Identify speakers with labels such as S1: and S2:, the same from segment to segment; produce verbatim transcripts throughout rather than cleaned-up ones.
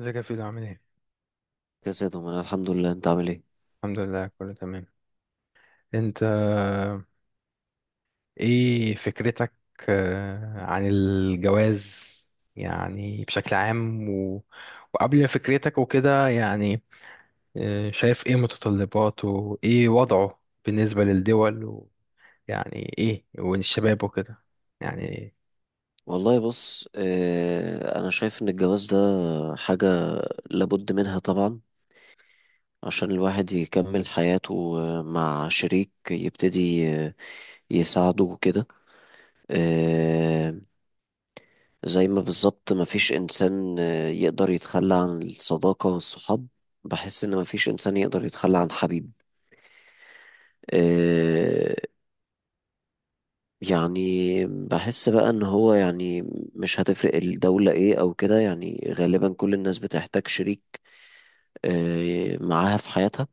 S1: ازيك يا فيلو؟ عامل ايه؟
S2: كذا يا دومان، الحمد لله، انت عامل ايه؟
S1: الحمد لله كله تمام. انت، ايه فكرتك؟ آه، عن الجواز، يعني بشكل عام، و... وقبل فكرتك وكده يعني. آه، شايف ايه متطلباته، ايه وضعه بالنسبة للدول، ويعني ايه والشباب وكده يعني.
S2: والله، بص، اه انا شايف ان الجواز ده حاجة لابد منها طبعا، عشان الواحد يكمل حياته آه، مع شريك يبتدي آه، يساعده وكده. اه زي ما بالظبط مفيش انسان آه، يقدر يتخلى عن الصداقة والصحاب. بحس ان مفيش انسان يقدر يتخلى عن حبيب. آه، يعني بحس بقى ان هو، يعني، مش هتفرق الدولة ايه او كده، يعني غالبا كل الناس بتحتاج شريك آه، معاها في حياتها.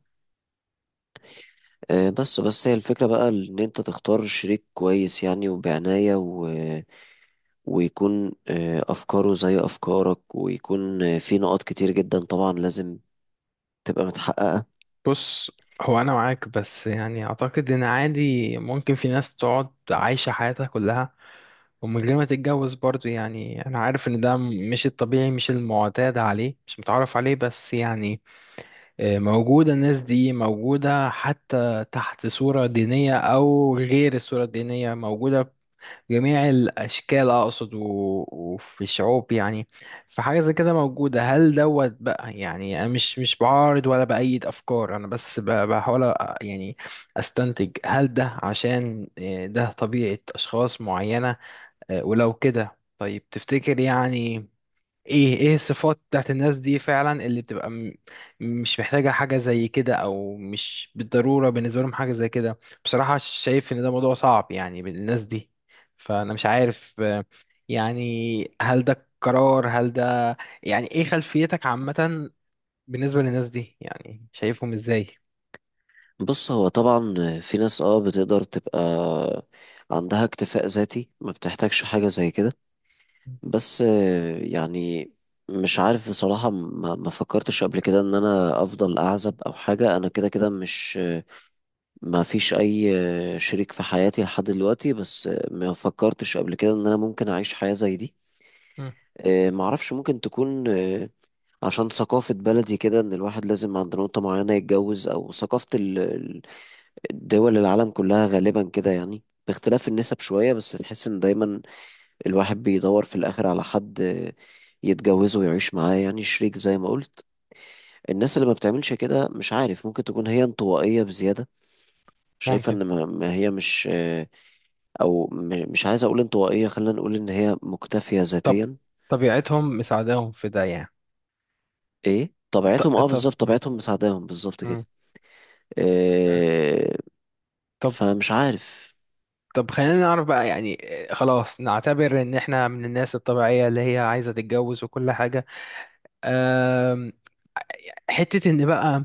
S2: آه، بس بس هي الفكرة بقى ان انت تختار شريك كويس يعني، وبعناية و... ويكون آه، افكاره زي افكارك، ويكون آه، في نقاط كتير جدا طبعا لازم تبقى متحققة.
S1: بص، هو انا معاك بس يعني اعتقد ان عادي ممكن في ناس تقعد عايشة حياتها كلها ومن غير ما تتجوز برضو. يعني انا عارف ان ده م- مش الطبيعي، مش المعتاد عليه، مش متعرف عليه، بس يعني آه، موجودة. الناس دي موجودة حتى تحت صورة دينية او غير الصورة الدينية، موجودة في جميع الاشكال اقصد، و- وفي الشعوب يعني. فحاجة زي كده موجودة. هل دوت بقى يعني. انا مش مش بعارض ولا بأيد افكار، انا بس ب- بحاول أ- يعني استنتج هل ده عشان آه، ده طبيعة اشخاص معينة؟ آه، ولو كده طيب، تفتكر يعني ايه ايه الصفات بتاعت الناس دي فعلا اللي بتبقى م- مش محتاجة حاجة زي كده، او مش بالضرورة بالنسبة لهم حاجة زي كده؟ بصراحة شايف ان ده موضوع صعب يعني بالناس دي. فانا مش عارف آه، يعني، هل ده قرار؟ هل ده يعني؟ ايه خلفيتك عامة بالنسبة للناس دي؟ يعني شايفهم ازاي؟
S2: بص، هو طبعا في ناس اه بتقدر تبقى عندها اكتفاء ذاتي، ما بتحتاجش حاجة زي كده. بس، آه، يعني، مش عارف بصراحة. ما, ما فكرتش قبل كده ان انا افضل اعزب او حاجة، انا كده كده مش، آه، ما فيش اي، آه، شريك في حياتي لحد دلوقتي. بس آه، ما فكرتش قبل كده ان انا ممكن اعيش حياة زي دي.
S1: مم،
S2: آه، ما اعرفش، ممكن تكون آه، عشان ثقافة بلدي كده، ان الواحد لازم عند نقطة معينة يتجوز، او ثقافة ال- ال- الدول العالم كلها غالبا كده، يعني باختلاف النسب شوية، بس تحس ان دايما الواحد بيدور في الآخر على حد يتجوزه ويعيش معاه، يعني شريك زي ما قلت. الناس اللي ما بتعملش كده، مش عارف، ممكن تكون هي انطوائية بزيادة، شايفة
S1: ممكن.
S2: ان ما ما هي مش، او م- مش عايز اقول انطوائية، خلينا نقول ان هي مكتفية
S1: طب،
S2: ذاتيا.
S1: طبيعتهم مساعداهم في ده يعني؟
S2: ايه،
S1: ط-
S2: طبيعتهم، اه
S1: طب.
S2: بالظبط،
S1: مم.
S2: طبيعتهم مساعداهم، بالظبط كده.
S1: مم.
S2: إيه؟ فمش عارف.
S1: طب خلينا نعرف بقى يعني، آه، خلاص نعتبر ان احنا من الناس الطبيعية اللي هي عايزة تتجوز وكل حاجة. آم، حتة ان بقى،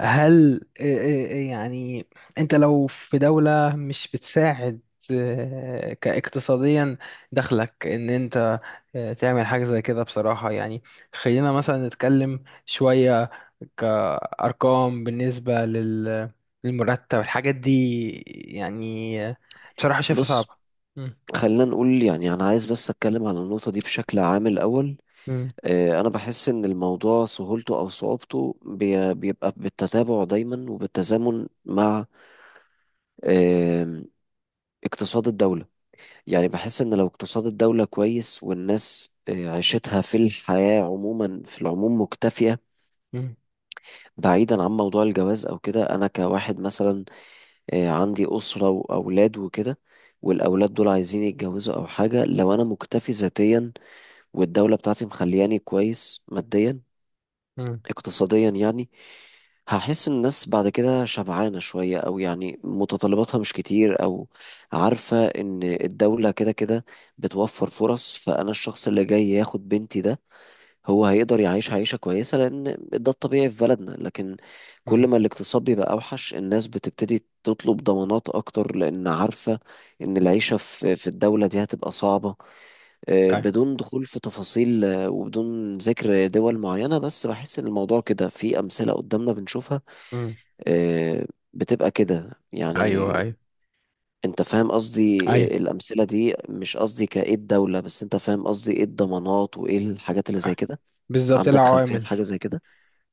S1: هل آه، آه، آه، يعني، انت لو في دولة مش بتساعد آه، كاقتصاديا دخلك، ان انت آه، تعمل حاجة زي كده؟ بصراحة يعني. خلينا مثلا نتكلم شوية كأرقام بالنسبة لل- للمرتب، الحاجات دي، يعني آه، بصراحة شايفها
S2: بص،
S1: صعبة.
S2: خلينا نقول يعني، انا عايز بس اتكلم على النقطة دي بشكل عام الاول.
S1: مم.
S2: آه، انا بحس ان الموضوع سهولته او صعوبته بي- بيبقى بالتتابع دايما وبالتزامن مع، آم، اقتصاد الدولة. يعني بحس ان لو اقتصاد الدولة كويس والناس آه، عيشتها في الحياة عموما، في العموم مكتفية.
S1: مم.
S2: بعيدا عن موضوع الجواز او كده، انا كواحد مثلا آه، عندي أسرة واولاد وكده، والأولاد دول عايزين يتجوزوا أو حاجة، لو أنا مكتفي ذاتيا والدولة بتاعتي مخلياني كويس ماديا
S1: مم.
S2: اقتصاديا يعني، هحس ان الناس بعد كده شبعانة شوية، او يعني متطلباتها مش كتير، او عارفة ان الدولة كده كده بتوفر فرص. فانا الشخص اللي جاي ياخد بنتي ده، هو هيقدر يعيش عيشة كويسة لان ده الطبيعي في بلدنا. لكن كل
S1: مم.
S2: ما الاقتصاد بيبقى اوحش، الناس بتبتدي تطلب ضمانات اكتر، لان عارفة ان العيشة في في الدولة دي هتبقى صعبة. آه،
S1: أي.
S2: بدون دخول في تفاصيل، آه، وبدون ذكر دول معينة، بس بحس إن الموضوع كده، في أمثلة قدامنا بنشوفها
S1: مم.
S2: آه، بتبقى كده يعني.
S1: ايوه، ايوه،
S2: أنت فاهم قصدي؟
S1: ايوه،
S2: آه، الأمثلة دي مش قصدي كإيه الدولة، بس أنت فاهم قصدي إيه الضمانات وإيه الحاجات اللي زي كده.
S1: بالظبط
S2: عندك خلفية
S1: العوامل.
S2: بحاجة زي كده؟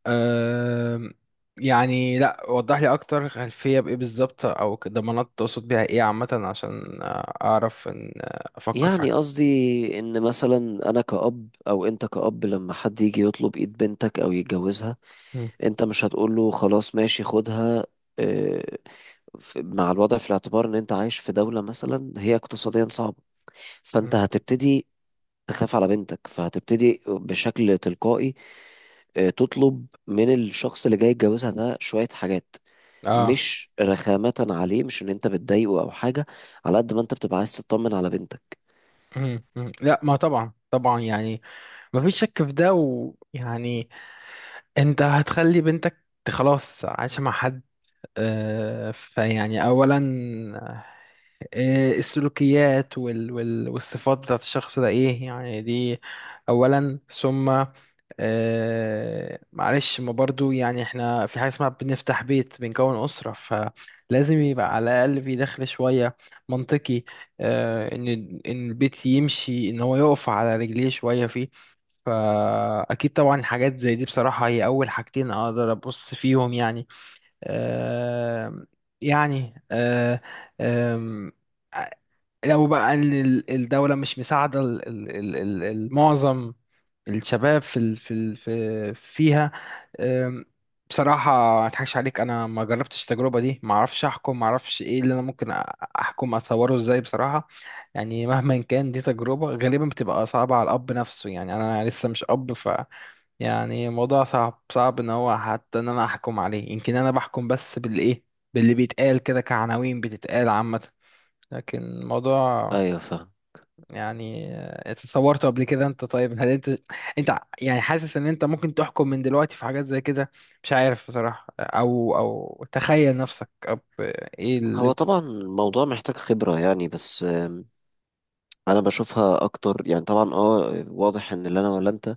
S1: أم... يعني لا، وضح لي اكتر. خلفيه بايه بالظبط، او ك- ضمانات، تقصد بيها ايه عامه، عشان آه، اعرف ان آه، افكر في حاجه.
S2: يعني قصدي إن مثلا أنا كأب أو أنت كأب، لما حد يجي يطلب إيد بنتك أو يتجوزها،
S1: مم.
S2: أنت مش هتقول له خلاص ماشي خدها. آه، ف- مع الوضع في الاعتبار ان انت عايش في دولة مثلا هي اقتصاديا صعبة، فانت
S1: مم.
S2: هتبتدي تخاف على بنتك، فهتبتدي بشكل تلقائي آه، تطلب من الشخص اللي جاي يتجوزها ده شوية حاجات،
S1: اه.
S2: مش رخامة عليه، مش ان انت بتضايقه او حاجة، على قد ما انت بتبقى عايز تطمن على بنتك.
S1: مم. مم. لا، ما طبعا، طبعا يعني ما فيش شك في ده. ويعني انت هتخلي بنتك ت- خلاص عايشه مع حد، آه، فيعني اولا، إيه السلوكيات وال وال والصفات بتاعت الشخص ده؟ ايه يعني دي اولا. ثم آه معلش، ما برضو يعني احنا في حاجة اسمها بنفتح بيت، بنكون أسرة، فلازم يبقى على الأقل في دخل شوية منطقي آه ان ان البيت يمشي، ان هو يقف على رجليه شوية فيه. فأكيد طبعا حاجات زي دي، بصراحة هي أول حاجتين أقدر أبص فيهم يعني. آه يعني آه آه لو بقى ال- ال- الدولة مش مساعدة ال- ال- ال- ال- المعظم، الشباب في ال- في ال- في فيها، أم، بصراحة ما اضحكش عليك، انا ما جربتش التجربة دي، ما اعرفش احكم، ما اعرفش ايه اللي انا ممكن أ- احكم، اتصوره ازاي بصراحة. يعني مهما كان دي تجربة غالبا بتبقى صعبة على الاب نفسه يعني. انا لسه مش اب، ف يعني الموضوع صعب صعب ان هو حتى ان انا احكم عليه. يمكن انا بحكم بس بالايه، باللي بيتقال كده كعناوين بتتقال عامة. لكن الموضوع
S2: ايوه، فاهم.
S1: يعني آه، اتصورته قبل كده انت؟ طيب هل انت، انت ع- يعني حاسس ان انت ممكن تحكم من دلوقتي في حاجات زي كده؟ مش عارف بصراحة، او او تخيل نفسك أب... ايه اللي
S2: هو
S1: انت؟
S2: طبعا الموضوع محتاج خبرة يعني، بس آه، انا بشوفها اكتر، يعني طبعا اه واضح ان اللي انا ولا انت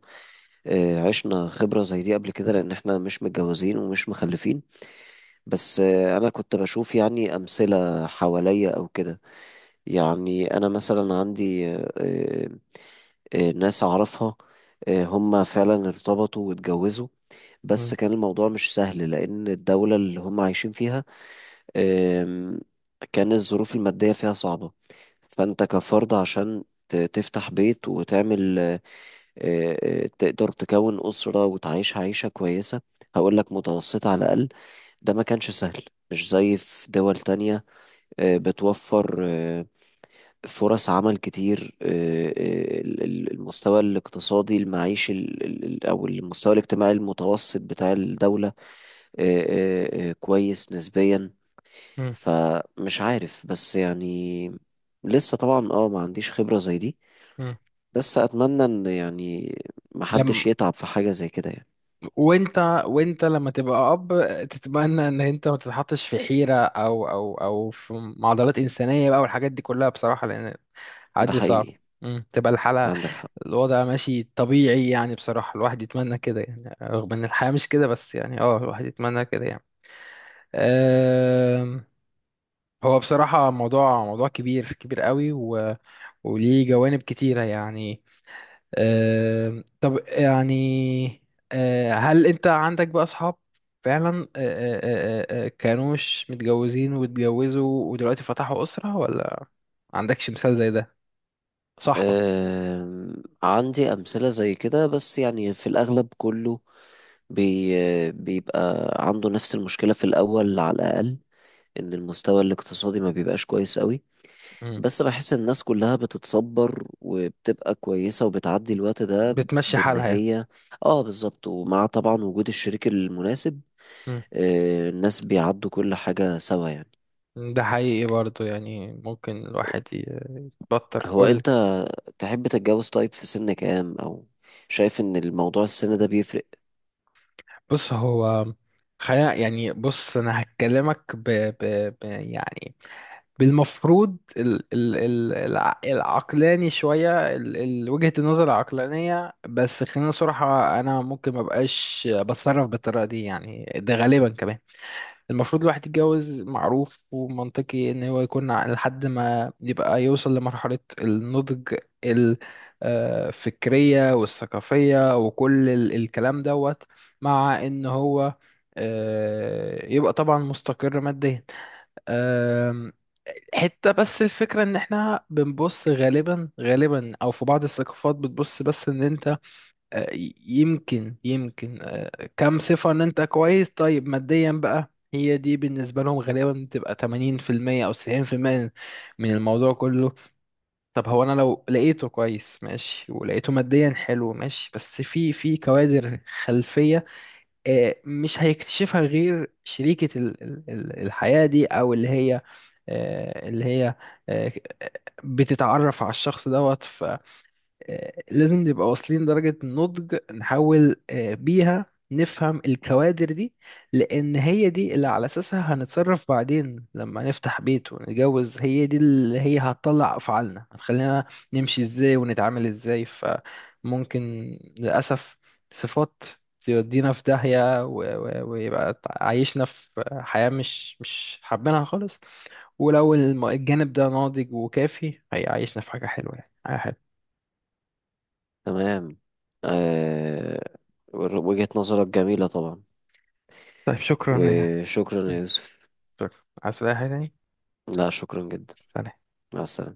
S2: آه، عشنا خبرة زي دي قبل كده، لأن احنا مش متجوزين ومش مخلفين. بس آه، أنا كنت بشوف يعني أمثلة حواليا أو كده. يعني أنا مثلا عندي آه، آه، آه، ناس أعرفها، آه، هم فعلا ارتبطوا واتجوزوا، بس
S1: مم.
S2: كان الموضوع مش سهل لأن الدولة اللي هم عايشين فيها، آم، كان الظروف المادية فيها صعبة. فأنت كفرد، عشان ت- تفتح بيت وتعمل، آه، آه، تقدر تكون أسرة وتعيش عيشة كويسة، هقول لك متوسطة على الأقل، ده ما كانش سهل، مش زي في دول تانية آه، بتوفر آه، فرص عمل كتير. آه، آه، ال- ال- المستوى الاقتصادي المعيشي ال- ال- ال- أو المستوى الاجتماعي المتوسط بتاع الدولة، آه، آه، آه، كويس نسبيا.
S1: مم.
S2: فمش عارف، بس يعني لسه طبعا اه ما عنديش خبرة زي دي،
S1: مم.
S2: بس أتمنى إن يعني محدش
S1: لم...
S2: يتعب في حاجة زي كده يعني.
S1: وانت وانت لما تبقى اب، تتمنى ان انت ما تتحطش في حيرة او او او في معضلات انسانية بقى والحاجات دي كلها، بصراحة لان
S2: ده
S1: عادي صعب.
S2: حقيقي.
S1: مم. تبقى الحلقة،
S2: عندك حق.
S1: الوضع ماشي طبيعي يعني. بصراحة الواحد يتمنى كده يعني، رغم ان الحياة مش كده، بس يعني اه الواحد يتمنى كده يعني. أم، هو بصراحة موضوع موضوع كبير كبير قوي، و... وليه جوانب كتيرة يعني. أم، طب يعني، أه، هل انت عندك بقى اصحاب فعلا أه، أه، أه، أه، كانوش متجوزين واتجوزوا ودلوقتي فتحوا أسرة، ولا عندكش مثال زي ده صاحبك؟
S2: أم، عندي أمثلة زي كده، بس يعني في الأغلب كله بي بيبقى عنده نفس المشكلة في الأول على الأقل، إن المستوى الاقتصادي ما بيبقاش كويس قوي، بس بحس الناس كلها بتتصبر وبتبقى كويسة وبتعدي الوقت ده
S1: بتمشي
S2: بإن
S1: حالها يعني.
S2: هي، آه بالظبط، ومع طبعا وجود الشريك المناسب.
S1: مم.
S2: أه، الناس بيعدوا كل حاجة سوا يعني.
S1: ده حقيقي برضو يعني، ممكن الواحد ي- يتبطر.
S2: هو
S1: قول.
S2: أنت تحب تتجوز؟ طيب، في سن كام؟ او شايف ان الموضوع السن ده بيفرق؟
S1: بص هو، خلينا يعني. بص، انا هكلمك ب... ب... ب... يعني بالمفروض ال... ال... ال... الع- العقلاني شوية، ال... ال... وجهة النظر العقلانية. بس خلينا صراحة، انا ممكن مبقاش بتصرف بالطريقة دي يعني. ده غالبا كمان المفروض الواحد يتجوز معروف ومنطقي ان هو يكون ع- لحد ما يبقى يوصل لمرحلة النضج الفكرية والثقافية وكل ال- الكلام دوت، مع ان هو آه، يبقى طبعا مستقر ماديا. آم، حتة، بس الفكرة ان احنا بنبص غالبا غالبا او في بعض الثقافات بتبص، بس ان انت آه، ي- يمكن يمكن آه، كم صفة، ان انت كويس طيب ماديا بقى. هي دي بالنسبة لهم غالبا بتبقى تمانين في المية او تسعين في المية من الموضوع كله. طب هو انا لو لقيته كويس ماشي، ولقيته ماديا حلو ماشي، بس في في كوادر خلفية آه، مش هيكتشفها غير شريكة ال- ال- ال- الحياة دي، او اللي هي آه، اللي هي آه، بتتعرف على الشخص دوت. آه، لازم نبقى واصلين درجة النضج، نحاول آه، بيها نفهم الكوادر دي، لأن هي دي اللي على أساسها هنتصرف بعدين لما نفتح بيت ونتجوز. هي دي اللي هي هتطلع أفعالنا، هتخلينا نمشي إزاي ونتعامل إزاي. فممكن للأسف صفات تودينا في داهية و- و- ويبقى عايشنا في حياة مش مش حابينها خالص. ولو الم- الجانب ده ناضج وكافي، هيعيشنا في حاجة حلوة يعني، حاجة حلوة.
S2: تمام. آه... وجهة نظرك جميلة طبعا.
S1: طيب شكرا يعني.
S2: وشكرا يا يوسف.
S1: شكرا، عايز تقول أي حاجة تاني؟
S2: لا، شكرا جدا.
S1: سلام.
S2: مع السلامة.